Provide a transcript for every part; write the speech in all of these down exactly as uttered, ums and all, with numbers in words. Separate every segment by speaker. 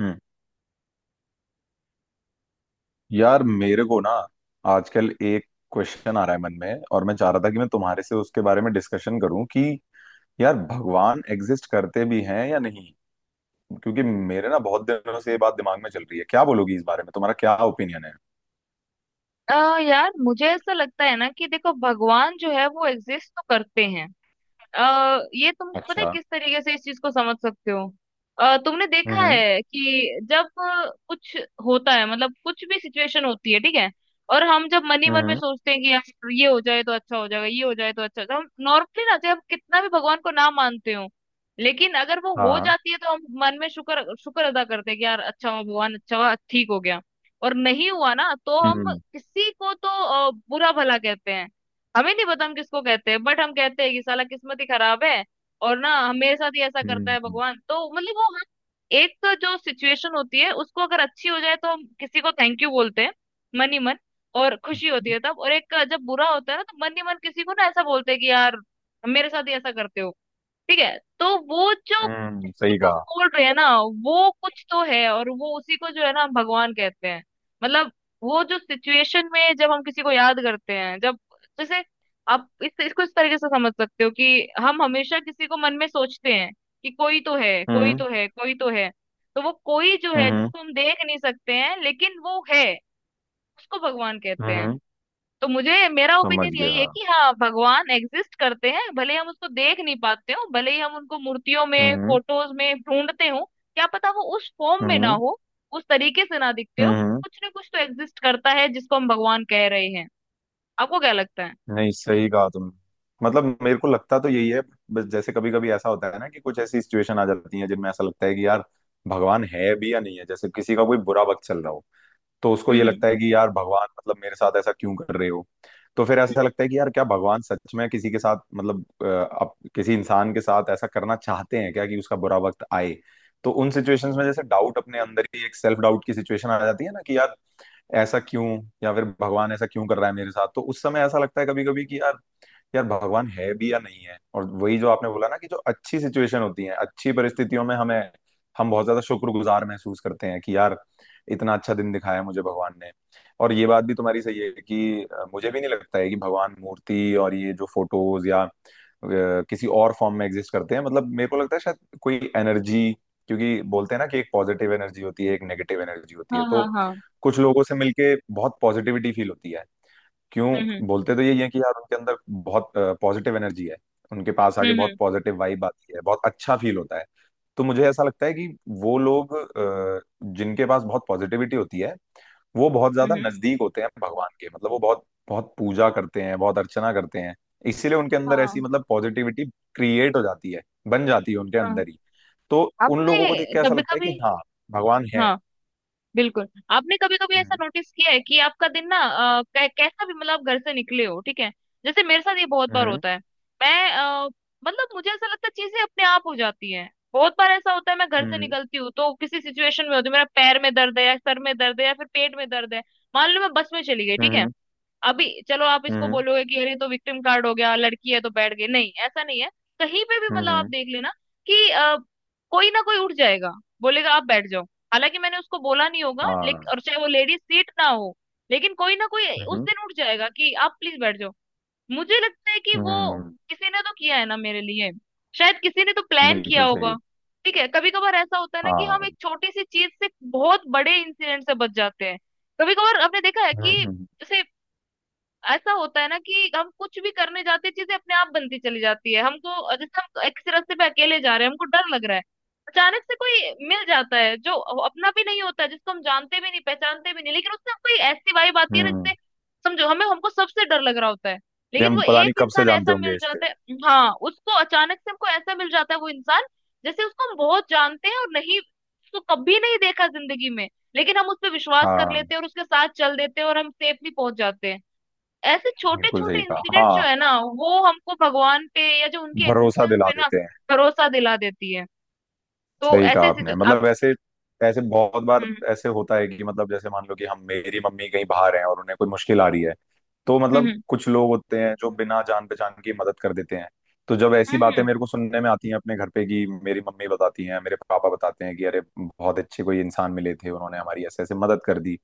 Speaker 1: हम्म। यार, मेरे को ना, आजकल एक क्वेश्चन आ रहा है मन में, और मैं चाह रहा था कि मैं तुम्हारे से उसके बारे में डिस्कशन करूं कि यार, भगवान एग्जिस्ट करते भी हैं या नहीं। क्योंकि मेरे ना बहुत दिनों से ये बात दिमाग में चल रही है। क्या बोलोगी इस बारे में, तुम्हारा क्या ओपिनियन है?
Speaker 2: आ, यार मुझे ऐसा लगता है ना कि देखो भगवान जो है वो एग्जिस्ट तो करते हैं। अ, ये तुम पता है
Speaker 1: अच्छा।
Speaker 2: किस तरीके से इस चीज को समझ सकते हो। अ, तुमने देखा
Speaker 1: हम्म।
Speaker 2: है कि जब अ, कुछ होता है, मतलब कुछ भी सिचुएशन होती है, ठीक है। और हम जब मन ही मन में
Speaker 1: हम्म।
Speaker 2: सोचते हैं कि यार ये हो जाए तो अच्छा हो जाएगा, ये हो जाए तो अच्छा हो जाएगा, हम नॉर्मली ना, चाहे हम कितना भी भगवान को ना मानते हो, लेकिन अगर वो हो
Speaker 1: हाँ।
Speaker 2: जाती है तो हम मन में शुक्र शुक्र अदा करते हैं कि यार अच्छा हुआ, भगवान अच्छा हुआ, ठीक हो गया। और नहीं हुआ ना तो हम
Speaker 1: हम्म।
Speaker 2: किसी को तो अ, बुरा भला कहते हैं। हमें नहीं पता हम किसको कहते हैं, बट हम कहते हैं कि साला किस्मत ही खराब है। और ना हम- मेरे साथ ही ऐसा करता है
Speaker 1: हम्म।
Speaker 2: भगवान तो, मतलब वो हम एक जो सिचुएशन होती है उसको, अगर अच्छी हो जाए तो हम किसी को थैंक यू बोलते हैं मन ही मन, और खुशी होती है तब। और एक जब बुरा होता है ना तो मन ही मन किसी को ना ऐसा बोलते हैं कि यार मेरे साथ ही ऐसा करते हो, ठीक है। तो वो जो
Speaker 1: हम्म। सही
Speaker 2: जो हम
Speaker 1: कहा।
Speaker 2: बोल रहे हैं ना वो कुछ तो है, और वो उसी को जो है ना हम भगवान कहते हैं। मतलब वो जो सिचुएशन में जब हम किसी को याद करते हैं, जब, जैसे, आप इस इसको इस तरीके से समझ सकते हो कि हम हमेशा किसी को मन में सोचते हैं कि कोई तो है, कोई
Speaker 1: हम्म।
Speaker 2: तो है, कोई तो है। तो वो कोई जो है
Speaker 1: हम्म।
Speaker 2: जिसको हम देख नहीं सकते हैं लेकिन वो है, उसको भगवान कहते हैं।
Speaker 1: हम्म।
Speaker 2: तो मुझे, मेरा
Speaker 1: समझ
Speaker 2: ओपिनियन यही है
Speaker 1: गया।
Speaker 2: कि हाँ, भगवान एग्जिस्ट करते हैं, भले हम उसको देख नहीं पाते हो, भले ही हम उनको मूर्तियों में,
Speaker 1: हम्म।
Speaker 2: फोटोज में ढूंढते हो, क्या पता वो उस फॉर्म में ना
Speaker 1: हम्म।
Speaker 2: हो, उस तरीके से ना दिखते हो।
Speaker 1: हम्म।
Speaker 2: कुछ ना कुछ तो एग्जिस्ट करता है जिसको हम भगवान कह रहे हैं। आपको क्या लगता है?
Speaker 1: नहीं, सही कहा तुमने। मतलब मेरे को लगता तो यही है। बस जैसे कभी कभी ऐसा होता है ना कि कुछ ऐसी सिचुएशन आ जाती है जिनमें ऐसा लगता है कि यार, भगवान है भी या नहीं है। जैसे किसी का कोई बुरा वक्त चल रहा हो तो उसको ये
Speaker 2: हम्म हम्म
Speaker 1: लगता है कि यार भगवान, मतलब मेरे साथ ऐसा क्यों कर रहे हो? तो फिर
Speaker 2: हम्म,
Speaker 1: ऐसा लगता है कि यार, क्या भगवान सच में किसी के साथ, मतलब अ, अप, किसी इंसान के साथ ऐसा करना चाहते हैं क्या कि उसका बुरा वक्त आए? तो उन सिचुएशंस में, जैसे डाउट, अपने अंदर ही एक सेल्फ डाउट की सिचुएशन आ जाती है ना कि यार, ऐसा क्यों? या फिर भगवान ऐसा क्यों कर रहा है मेरे साथ? तो उस समय ऐसा लगता है कभी कभी कि यार यार भगवान है भी या नहीं है। और वही जो आपने बोला ना कि जो अच्छी सिचुएशन होती है, अच्छी परिस्थितियों में हमें, हम बहुत ज्यादा शुक्रगुजार महसूस करते हैं कि यार, इतना अच्छा दिन दिखाया मुझे भगवान ने। और ये बात भी तुम्हारी सही है कि अ, मुझे भी नहीं लगता है कि भगवान मूर्ति और ये जो फोटोज या अ, किसी और फॉर्म में एग्जिस्ट करते हैं। मतलब मेरे को लगता है शायद कोई एनर्जी, क्योंकि बोलते हैं ना कि एक पॉजिटिव एनर्जी होती है, एक नेगेटिव एनर्जी होती है।
Speaker 2: हाँ
Speaker 1: तो
Speaker 2: हाँ हाँ।
Speaker 1: कुछ लोगों से मिलके बहुत पॉजिटिविटी फील होती है। क्यों?
Speaker 2: हम्म
Speaker 1: बोलते तो यही है कि यार उनके अंदर बहुत पॉजिटिव एनर्जी है। उनके पास आके
Speaker 2: हम्म
Speaker 1: बहुत
Speaker 2: हम्म
Speaker 1: पॉजिटिव वाइब आती है, बहुत अच्छा फील होता है। तो मुझे ऐसा लगता है कि वो लोग अ, जिनके पास बहुत पॉजिटिविटी होती है, वो बहुत
Speaker 2: हम्म
Speaker 1: ज्यादा
Speaker 2: हम्म,
Speaker 1: नजदीक होते हैं भगवान के। मतलब वो बहुत बहुत पूजा करते हैं, बहुत अर्चना करते हैं, इसीलिए उनके अंदर ऐसी,
Speaker 2: हाँ
Speaker 1: मतलब पॉजिटिविटी क्रिएट हो जाती है, बन जाती है उनके
Speaker 2: हाँ।
Speaker 1: अंदर ही। तो उन लोगों को देख
Speaker 2: आपने
Speaker 1: के ऐसा
Speaker 2: कभी
Speaker 1: लगता है
Speaker 2: कभी,
Speaker 1: कि हाँ, भगवान है।
Speaker 2: हाँ, बिल्कुल। आपने कभी कभी ऐसा
Speaker 1: हम्म।
Speaker 2: नोटिस किया है कि आपका दिन ना, अ, कै- कैसा भी, मतलब आप घर से निकले हो, ठीक है। जैसे मेरे साथ ये बहुत बार
Speaker 1: हम्म।
Speaker 2: होता है। मैं अ, मतलब मुझे ऐसा लगता है चीजें अपने आप हो जाती हैं, बहुत बार ऐसा होता है। मैं घर से
Speaker 1: हम्म।
Speaker 2: निकलती हूँ तो किसी सिचुएशन में होती है, मेरा पैर में दर्द है, या सर में दर्द है, या फिर पेट में दर्द है। मान लो मैं बस में चली गई, ठीक है।
Speaker 1: हम्म।
Speaker 2: अभी चलो आप इसको
Speaker 1: हम्म।
Speaker 2: बोलोगे कि अरे तो विक्टिम कार्ड हो गया, लड़की है तो बैठ गई, नहीं ऐसा नहीं है। कहीं पे भी, मतलब आप
Speaker 1: हम्म,
Speaker 2: देख लेना कि अ, कोई ना कोई उठ जाएगा, बोलेगा आप बैठ जाओ। हालांकि मैंने उसको बोला नहीं होगा लेकिन, और चाहे वो लेडीज सीट ना हो, लेकिन कोई ना कोई उस
Speaker 1: हाँ।
Speaker 2: दिन उठ जाएगा कि आप प्लीज बैठ जाओ। मुझे लगता है कि वो,
Speaker 1: हम्म।
Speaker 2: किसी ने तो किया है ना मेरे लिए, शायद किसी ने तो प्लान किया
Speaker 1: बिल्कुल
Speaker 2: होगा।
Speaker 1: सही।
Speaker 2: ठीक है, कभी कभार ऐसा होता है ना कि हम
Speaker 1: हाँ।
Speaker 2: एक छोटी सी चीज से बहुत बड़े इंसिडेंट से बच जाते हैं। कभी कभार आपने देखा है कि,
Speaker 1: हम्म। हम्म।
Speaker 2: जैसे, ऐसा होता है ना कि हम कुछ भी करने जाते हैं चीजें अपने आप बनती चली जाती है हमको। जैसे हम एक से रास्ते पे अकेले जा रहे हैं, हमको डर लग रहा है, अचानक से कोई मिल जाता है, जो अपना भी नहीं होता है, जिसको हम जानते भी नहीं, पहचानते भी नहीं, लेकिन उससे कोई ऐसी वाइब आती है ना
Speaker 1: हम्म।
Speaker 2: जिससे, समझो, हमें, हमको सबसे डर लग रहा होता है
Speaker 1: ये
Speaker 2: लेकिन
Speaker 1: हम
Speaker 2: वो
Speaker 1: पता नहीं
Speaker 2: एक
Speaker 1: कब से
Speaker 2: इंसान
Speaker 1: जानते
Speaker 2: ऐसा मिल
Speaker 1: होंगे इससे।
Speaker 2: जाता है, हाँ, उसको अचानक से हमको ऐसा मिल जाता है वो इंसान, जैसे उसको हम बहुत जानते हैं, और नहीं, उसको कभी नहीं देखा जिंदगी में, लेकिन हम उस पर विश्वास कर
Speaker 1: हाँ,
Speaker 2: लेते हैं और उसके साथ चल देते हैं और हम सेफली पहुंच जाते हैं। ऐसे छोटे
Speaker 1: बिल्कुल
Speaker 2: छोटे
Speaker 1: सही कहा।
Speaker 2: इंसिडेंट जो
Speaker 1: हाँ,
Speaker 2: है ना, वो हमको भगवान पे या जो उनके
Speaker 1: भरोसा
Speaker 2: एग्जिस्टेंस
Speaker 1: दिला
Speaker 2: पे ना
Speaker 1: देते हैं।
Speaker 2: भरोसा दिला देती है। तो
Speaker 1: सही कहा
Speaker 2: ऐसे ऐसे
Speaker 1: आपने।
Speaker 2: जो आप,
Speaker 1: मतलब ऐसे, ऐसे बहुत बार
Speaker 2: हम्म
Speaker 1: ऐसे होता है कि मतलब जैसे मान लो कि हम, मेरी मम्मी कहीं बाहर हैं और उन्हें कोई मुश्किल आ रही है। तो मतलब
Speaker 2: हम्म
Speaker 1: कुछ लोग होते हैं जो बिना जान पहचान की मदद कर देते हैं। तो जब ऐसी बातें
Speaker 2: हम्म
Speaker 1: मेरे को सुनने में आती हैं अपने घर पे, कि मेरी मम्मी बताती हैं, मेरे पापा बताते हैं कि अरे, बहुत अच्छे कोई इंसान मिले थे, उन्होंने हमारी ऐसे ऐसे मदद कर दी।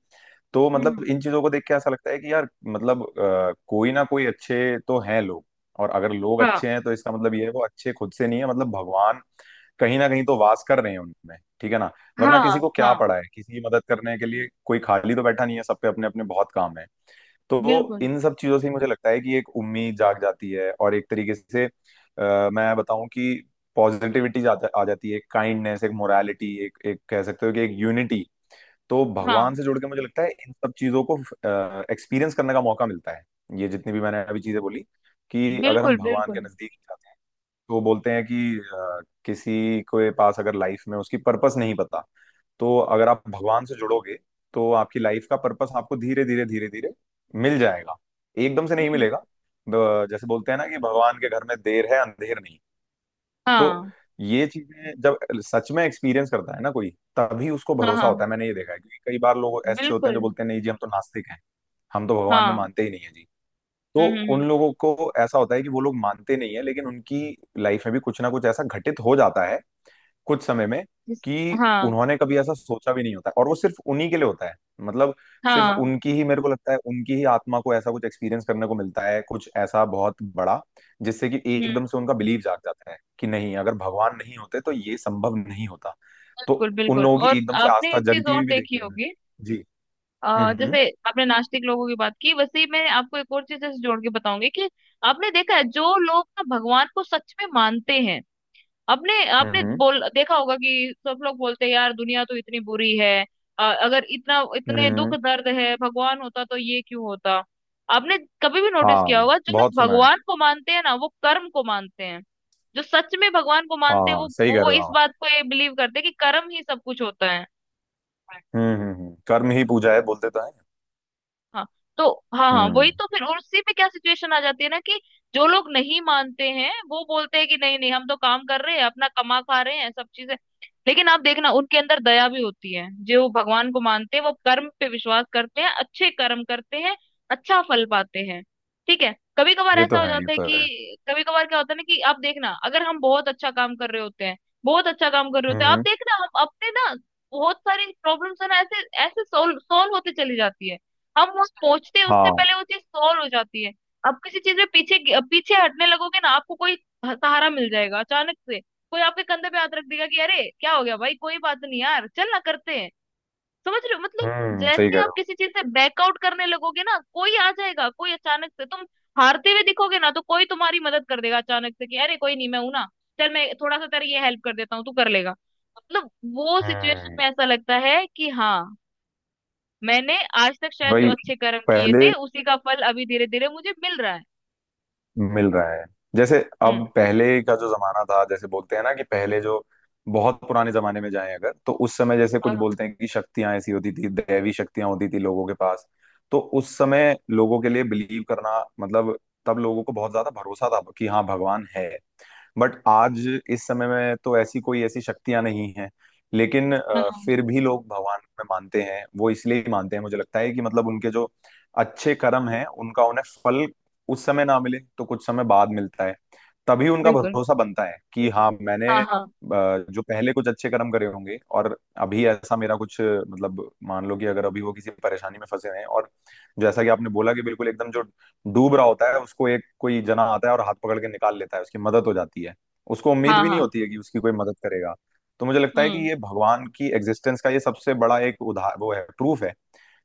Speaker 1: तो
Speaker 2: हम्म हम्म,
Speaker 1: मतलब इन चीजों को देख के ऐसा लगता है कि यार, मतलब अ, कोई ना कोई अच्छे तो हैं लोग। और अगर लोग
Speaker 2: हाँ
Speaker 1: अच्छे हैं तो इसका मतलब ये है वो अच्छे खुद से नहीं है, मतलब भगवान कहीं ना कहीं तो वास कर रहे हैं उनमें। ठीक है ना? वरना किसी
Speaker 2: हाँ
Speaker 1: को क्या
Speaker 2: हाँ,
Speaker 1: पड़ा है किसी की मदद करने के लिए? कोई खाली तो बैठा नहीं है, सब पे अपने अपने बहुत काम है। तो
Speaker 2: बिल्कुल,
Speaker 1: इन सब चीजों से ही मुझे लगता है कि एक उम्मीद जाग जाती है, और एक तरीके से आ, मैं बताऊं कि पॉजिटिविटी जाता आ जाती है, काइंडनेस, एक मोरालिटी, एक एक कह सकते हो कि एक यूनिटी। तो भगवान
Speaker 2: हाँ,
Speaker 1: से जुड़ के मुझे लगता है इन सब चीजों को एक्सपीरियंस करने का मौका मिलता है। ये जितनी भी मैंने अभी चीजें बोली, कि अगर
Speaker 2: बिल्कुल
Speaker 1: हम भगवान के
Speaker 2: बिल्कुल।
Speaker 1: नजदीक जाते हैं तो बोलते हैं कि अ, किसी के पास अगर लाइफ में उसकी पर्पस नहीं पता, तो अगर आप भगवान से जुड़ोगे तो आपकी लाइफ का पर्पस आपको धीरे धीरे धीरे धीरे मिल जाएगा। एकदम से नहीं
Speaker 2: हम्म।
Speaker 1: मिलेगा। ब- जैसे बोलते हैं ना कि भगवान के घर में देर है, अंधेर नहीं। तो
Speaker 2: हाँ
Speaker 1: ये चीजें जब सच में एक्सपीरियंस करता है ना कोई, तभी उसको
Speaker 2: हाँ
Speaker 1: भरोसा होता
Speaker 2: हाँ,
Speaker 1: है। मैंने ये देखा है, क्योंकि कई बार लोग ऐसे होते हैं जो
Speaker 2: बिल्कुल,
Speaker 1: बोलते हैं नहीं जी, हम तो नास्तिक हैं, हम तो भगवान में
Speaker 2: हाँ।
Speaker 1: मानते ही नहीं है जी।
Speaker 2: हम्म
Speaker 1: तो
Speaker 2: हम्म हम्म,
Speaker 1: उन लोगों को, ऐसा होता है कि वो लोग मानते नहीं है, लेकिन उनकी लाइफ में भी कुछ ना कुछ ऐसा घटित हो जाता है कुछ समय में,
Speaker 2: जिस-
Speaker 1: कि
Speaker 2: हाँ
Speaker 1: उन्होंने कभी ऐसा सोचा भी नहीं होता है। और वो सिर्फ उन्हीं के लिए होता है, मतलब सिर्फ
Speaker 2: हाँ।
Speaker 1: उनकी ही, मेरे को लगता है उनकी ही आत्मा को ऐसा कुछ एक्सपीरियंस करने को मिलता है, कुछ ऐसा बहुत बड़ा, जिससे कि
Speaker 2: हम्म,
Speaker 1: एकदम से उनका बिलीव जाग जाता है कि नहीं, अगर भगवान नहीं होते तो ये संभव नहीं होता। तो
Speaker 2: बिल्कुल
Speaker 1: उन
Speaker 2: बिल्कुल।
Speaker 1: लोगों
Speaker 2: और
Speaker 1: की एकदम से
Speaker 2: आपने
Speaker 1: आस्था
Speaker 2: एक चीज
Speaker 1: जगती हुई
Speaker 2: और
Speaker 1: भी
Speaker 2: देखी
Speaker 1: देखी है
Speaker 2: होगी,
Speaker 1: मैंने जी। हम्म।
Speaker 2: अ,
Speaker 1: हम्म।
Speaker 2: जैसे, आपने नास्तिक लोगों की बात की, वैसे ही मैं आपको एक और चीज जैसे जोड़ के बताऊंगी कि, आपने देखा है जो लोग ना भगवान को सच में मानते हैं, आपने
Speaker 1: हम्म।
Speaker 2: आपने
Speaker 1: हम्म।
Speaker 2: बोल देखा होगा कि सब लोग बोलते हैं यार दुनिया तो इतनी बुरी है, अ, अगर इतना,
Speaker 1: हम्म,
Speaker 2: इतने दुख
Speaker 1: हम्म।
Speaker 2: दर्द है, भगवान होता तो ये क्यों होता। आपने कभी भी नोटिस
Speaker 1: हाँ।
Speaker 2: किया होगा जो लोग
Speaker 1: बहुत सुना है।
Speaker 2: भगवान को मानते हैं ना वो कर्म को मानते हैं। जो सच में भगवान को मानते हैं
Speaker 1: हाँ,
Speaker 2: वो
Speaker 1: सही कह
Speaker 2: वो
Speaker 1: रहे हो
Speaker 2: इस
Speaker 1: आप।
Speaker 2: बात को, ये बिलीव करते हैं कि कर्म ही सब कुछ होता है।
Speaker 1: हम्म। हम्म। हम्म। कर्म ही पूजा है, बोलते तो है।
Speaker 2: हाँ, तो, हाँ हाँ,
Speaker 1: हम्म।
Speaker 2: वही तो। फिर और उसी पे क्या सिचुएशन आ जाती है ना कि जो लोग नहीं मानते हैं वो बोलते हैं कि नहीं नहीं हम तो काम कर रहे हैं, अपना कमा खा रहे हैं, सब चीजें। लेकिन आप देखना उनके अंदर दया भी होती है। जो भगवान को मानते हैं वो कर्म पे विश्वास करते हैं, अच्छे कर्म करते हैं, अच्छा फल पाते हैं। ठीक है, कभी कभार
Speaker 1: ये तो
Speaker 2: ऐसा हो
Speaker 1: है, ये
Speaker 2: जाता है
Speaker 1: तो है।
Speaker 2: कि, कभी कभार क्या होता है ना कि, आप देखना अगर हम बहुत अच्छा काम कर रहे होते हैं, बहुत अच्छा काम कर रहे होते
Speaker 1: हम्म।
Speaker 2: हैं, आप
Speaker 1: हम्म,
Speaker 2: देखना हम अपने ना बहुत सारी प्रॉब्लम्स है ना, ऐसे ऐसे सोल्व सोल्व होते चली जाती है, हम वो पहुंचते हैं उससे
Speaker 1: हाँ।
Speaker 2: पहले वो चीज सॉल्व हो जाती है। आप किसी चीज में पीछे पीछे हटने लगोगे ना, आपको कोई सहारा मिल जाएगा, अचानक से कोई आपके कंधे पे हाथ रख देगा कि अरे क्या हो गया भाई, कोई बात नहीं यार, चल ना करते हैं। समझ रहे हो, मतलब,
Speaker 1: हम्म, सही कह
Speaker 2: जैसे
Speaker 1: रहे
Speaker 2: आप
Speaker 1: हो।
Speaker 2: किसी चीज से बैकआउट करने लगोगे ना कोई आ जाएगा, कोई अचानक से, तुम हारते हुए दिखोगे ना तो कोई तुम्हारी मदद कर देगा अचानक से कि अरे कोई नहीं, मैं हूं ना, चल मैं थोड़ा सा तेरी ये हेल्प कर देता हूँ, तू कर लेगा। मतलब वो सिचुएशन में
Speaker 1: हम्म।
Speaker 2: ऐसा लगता है कि हाँ, मैंने आज तक शायद जो
Speaker 1: वही
Speaker 2: अच्छे कर्म किए
Speaker 1: पहले
Speaker 2: थे उसी का फल अभी धीरे धीरे मुझे मिल रहा है।
Speaker 1: मिल रहा है। जैसे
Speaker 2: हम्म,
Speaker 1: अब पहले का जो जमाना था, जैसे बोलते हैं ना कि पहले जो बहुत पुराने जमाने में जाएं अगर, तो उस समय जैसे कुछ
Speaker 2: हाँ
Speaker 1: बोलते हैं कि शक्तियां ऐसी होती थी, दैवी शक्तियां होती थी लोगों के पास। तो उस समय लोगों के लिए बिलीव करना, मतलब तब लोगों को बहुत ज्यादा भरोसा था कि हाँ, भगवान है। बट आज इस समय में तो ऐसी कोई ऐसी शक्तियां नहीं हैं। लेकिन अ,
Speaker 2: हाँ,
Speaker 1: फिर भी लोग भगवान में मानते हैं, वो इसलिए ही मानते हैं, मुझे लगता है कि मतलब उनके जो अच्छे कर्म हैं उनका उन्हें फल उस समय ना मिले तो कुछ समय बाद मिलता है। तभी उनका
Speaker 2: बिल्कुल,
Speaker 1: भरोसा बनता है कि हाँ, मैंने
Speaker 2: हाँ
Speaker 1: अ,
Speaker 2: हाँ
Speaker 1: जो पहले कुछ अच्छे कर्म करे होंगे, और अभी ऐसा मेरा कुछ, मतलब मान लो कि अगर अभी वो किसी परेशानी में फंसे हैं और जैसा कि आपने बोला कि बिल्कुल एकदम जो डूब रहा होता है उसको एक कोई जना आता है और हाथ पकड़ के निकाल लेता है, उसकी मदद हो जाती है। उसको उम्मीद
Speaker 2: हाँ
Speaker 1: भी नहीं
Speaker 2: हाँ।
Speaker 1: होती है कि उसकी कोई मदद करेगा। तो मुझे लगता है कि
Speaker 2: हम्म
Speaker 1: ये भगवान की एग्जिस्टेंस का ये सबसे बड़ा एक उदाह वो है प्रूफ है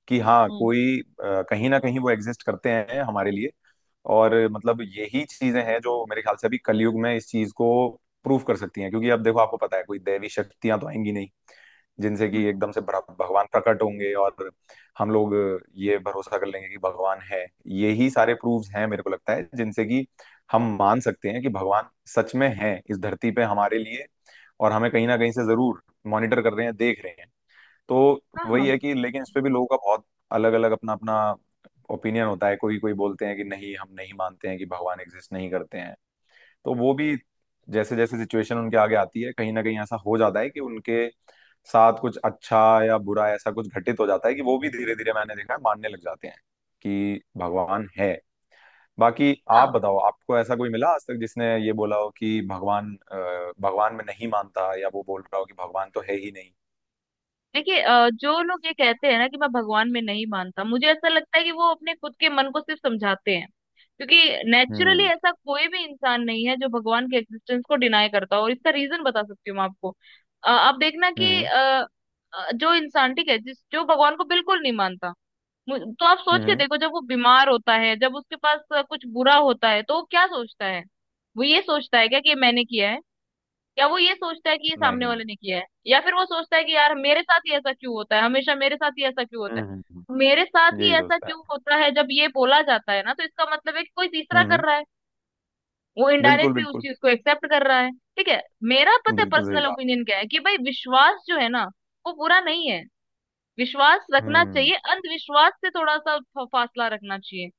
Speaker 1: कि हाँ,
Speaker 2: हम्म
Speaker 1: कोई अ, कहीं ना कहीं वो एग्जिस्ट करते हैं हमारे लिए। और मतलब यही चीजें हैं जो मेरे ख्याल से अभी कलयुग में इस चीज को प्रूफ कर सकती हैं, क्योंकि अब देखो, आपको पता है, कोई दैवी शक्तियां तो आएंगी नहीं जिनसे कि
Speaker 2: हम्म।
Speaker 1: एकदम से भरा- भगवान प्रकट होंगे और हम लोग ये भरोसा कर लेंगे कि भगवान है। यही सारे प्रूफ्स हैं मेरे को लगता है, जिनसे कि हम मान सकते हैं कि भगवान सच में है इस धरती पे हमारे लिए, और हमें कहीं ना कहीं से जरूर मॉनिटर कर रहे हैं, देख रहे हैं। तो
Speaker 2: हाँ
Speaker 1: वही
Speaker 2: हाँ
Speaker 1: है कि, लेकिन इस पे भी लोगों का बहुत अलग अलग अपना अपना ओपिनियन होता है। कोई कोई बोलते हैं कि नहीं, हम नहीं मानते हैं कि भगवान एग्जिस्ट नहीं करते हैं। तो वो भी जैसे जैसे सिचुएशन उनके आगे आती है, कहीं ना कहीं ऐसा हो जाता है कि उनके साथ कुछ अच्छा या बुरा, ऐसा कुछ घटित हो जाता है कि वो भी धीरे धीरे, मैंने देखा है, मानने लग जाते हैं कि भगवान है। बाकी आप
Speaker 2: हाँ।
Speaker 1: बताओ, आपको ऐसा कोई मिला आज तक जिसने ये बोला हो कि भगवान अ, भगवान में नहीं मानता, या वो बोल रहा हो कि भगवान तो है ही नहीं?
Speaker 2: देखिए, अ, जो लोग ये कहते हैं ना कि मैं भगवान में नहीं मानता, मुझे ऐसा लगता है कि वो अपने खुद के मन को सिर्फ समझाते हैं, क्योंकि नेचुरली
Speaker 1: हम्म।
Speaker 2: ऐसा कोई भी इंसान नहीं है जो भगवान के एग्जिस्टेंस को डिनाई करता हो, और इसका रीजन बता सकती हूँ मैं आपको। अ, आप देखना कि
Speaker 1: हम्म।
Speaker 2: अ, अ, जो इंसान, ठीक है, जिस जो भगवान को बिल्कुल नहीं मानता, मु- तो आप सोच के
Speaker 1: हम्म।
Speaker 2: देखो जब वो बीमार होता है, जब उसके पास अ, कुछ बुरा होता है, तो वो क्या सोचता है? वो ये सोचता है क्या कि ये मैंने किया है, या वो ये सोचता है कि ये सामने
Speaker 1: नहीं।
Speaker 2: वाले ने किया है, या फिर वो सोचता है कि यार मेरे साथ ही ऐसा क्यों होता है, हमेशा मेरे साथ ही ऐसा क्यों होता
Speaker 1: हम्म। हम्म,
Speaker 2: है,
Speaker 1: हम्म।
Speaker 2: मेरे साथ ही
Speaker 1: यही
Speaker 2: ऐसा
Speaker 1: सोचता है।
Speaker 2: क्यों होता है? जब ये बोला जाता है ना तो इसका मतलब है कि कोई तीसरा
Speaker 1: हम्म।
Speaker 2: कर रहा है। वो
Speaker 1: बिल्कुल
Speaker 2: इनडायरेक्टली उस
Speaker 1: बिल्कुल।
Speaker 2: चीज को एक्सेप्ट कर रहा है। ठीक है, मेरा पता है
Speaker 1: बिल्कुल सही
Speaker 2: पर्सनल
Speaker 1: कहा।
Speaker 2: ओपिनियन क्या है, कि भाई विश्वास जो है ना, वो बुरा नहीं है। विश्वास रखना
Speaker 1: हम्म।
Speaker 2: चाहिए, अंधविश्वास से थोड़ा सा फ- फासला रखना चाहिए।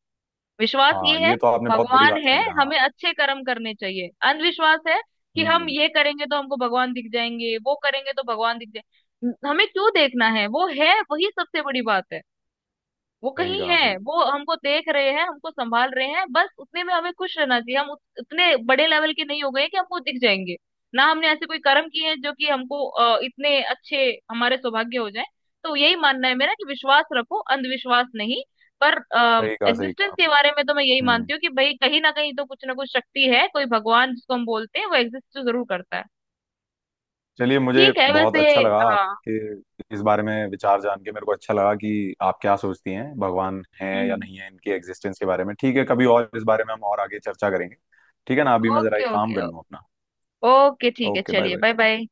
Speaker 2: विश्वास
Speaker 1: हाँ,
Speaker 2: ये है
Speaker 1: ये तो आपने बहुत बड़ी
Speaker 2: भगवान
Speaker 1: बात
Speaker 2: है,
Speaker 1: कही है। हाँ।
Speaker 2: हमें अच्छे कर्म करने चाहिए। अंधविश्वास है कि हम
Speaker 1: हम्म।
Speaker 2: ये करेंगे तो हमको भगवान दिख जाएंगे, वो करेंगे तो भगवान दिख जाए, हमें क्यों देखना है? वो है, वही सबसे बड़ी बात है। वो
Speaker 1: सही
Speaker 2: कहीं
Speaker 1: कहा,
Speaker 2: है,
Speaker 1: सही।
Speaker 2: वो हमको देख रहे हैं, हमको संभाल रहे हैं, बस उतने में हमें खुश रहना चाहिए। हम उत- उतने बड़े लेवल के नहीं हो गए कि हमको दिख जाएंगे, ना हमने ऐसे कोई कर्म किए हैं जो कि हमको अ, इतने अच्छे, हमारे सौभाग्य हो जाए। तो यही मानना है मेरा, कि विश्वास रखो, अंधविश्वास नहीं। पर
Speaker 1: सही कहा, सही
Speaker 2: एग्जिस्टेंस
Speaker 1: कहा।
Speaker 2: के बारे में तो मैं यही
Speaker 1: हम्म।
Speaker 2: मानती हूँ कि भाई कहीं ना कहीं तो कुछ ना कुछ शक्ति है, कोई भगवान जिसको हम बोलते हैं वो एग्जिस्ट तो जरूर करता है।
Speaker 1: चलिए, मुझे
Speaker 2: ठीक है,
Speaker 1: बहुत
Speaker 2: वैसे,
Speaker 1: अच्छा लगा
Speaker 2: हाँ।
Speaker 1: आपके इस बारे में विचार जान के। मेरे को अच्छा लगा कि आप क्या सोचती हैं भगवान है या
Speaker 2: हम्म।
Speaker 1: नहीं है, इनकी एग्जिस्टेंस के बारे में। ठीक है, कभी और इस बारे में हम और आगे चर्चा करेंगे। ठीक है ना? अभी मैं जरा
Speaker 2: ओके
Speaker 1: एक काम
Speaker 2: ओके।
Speaker 1: कर लूँ अपना।
Speaker 2: ओके ठीक है,
Speaker 1: ओके, बाय
Speaker 2: चलिए
Speaker 1: बाय।
Speaker 2: Bye bye.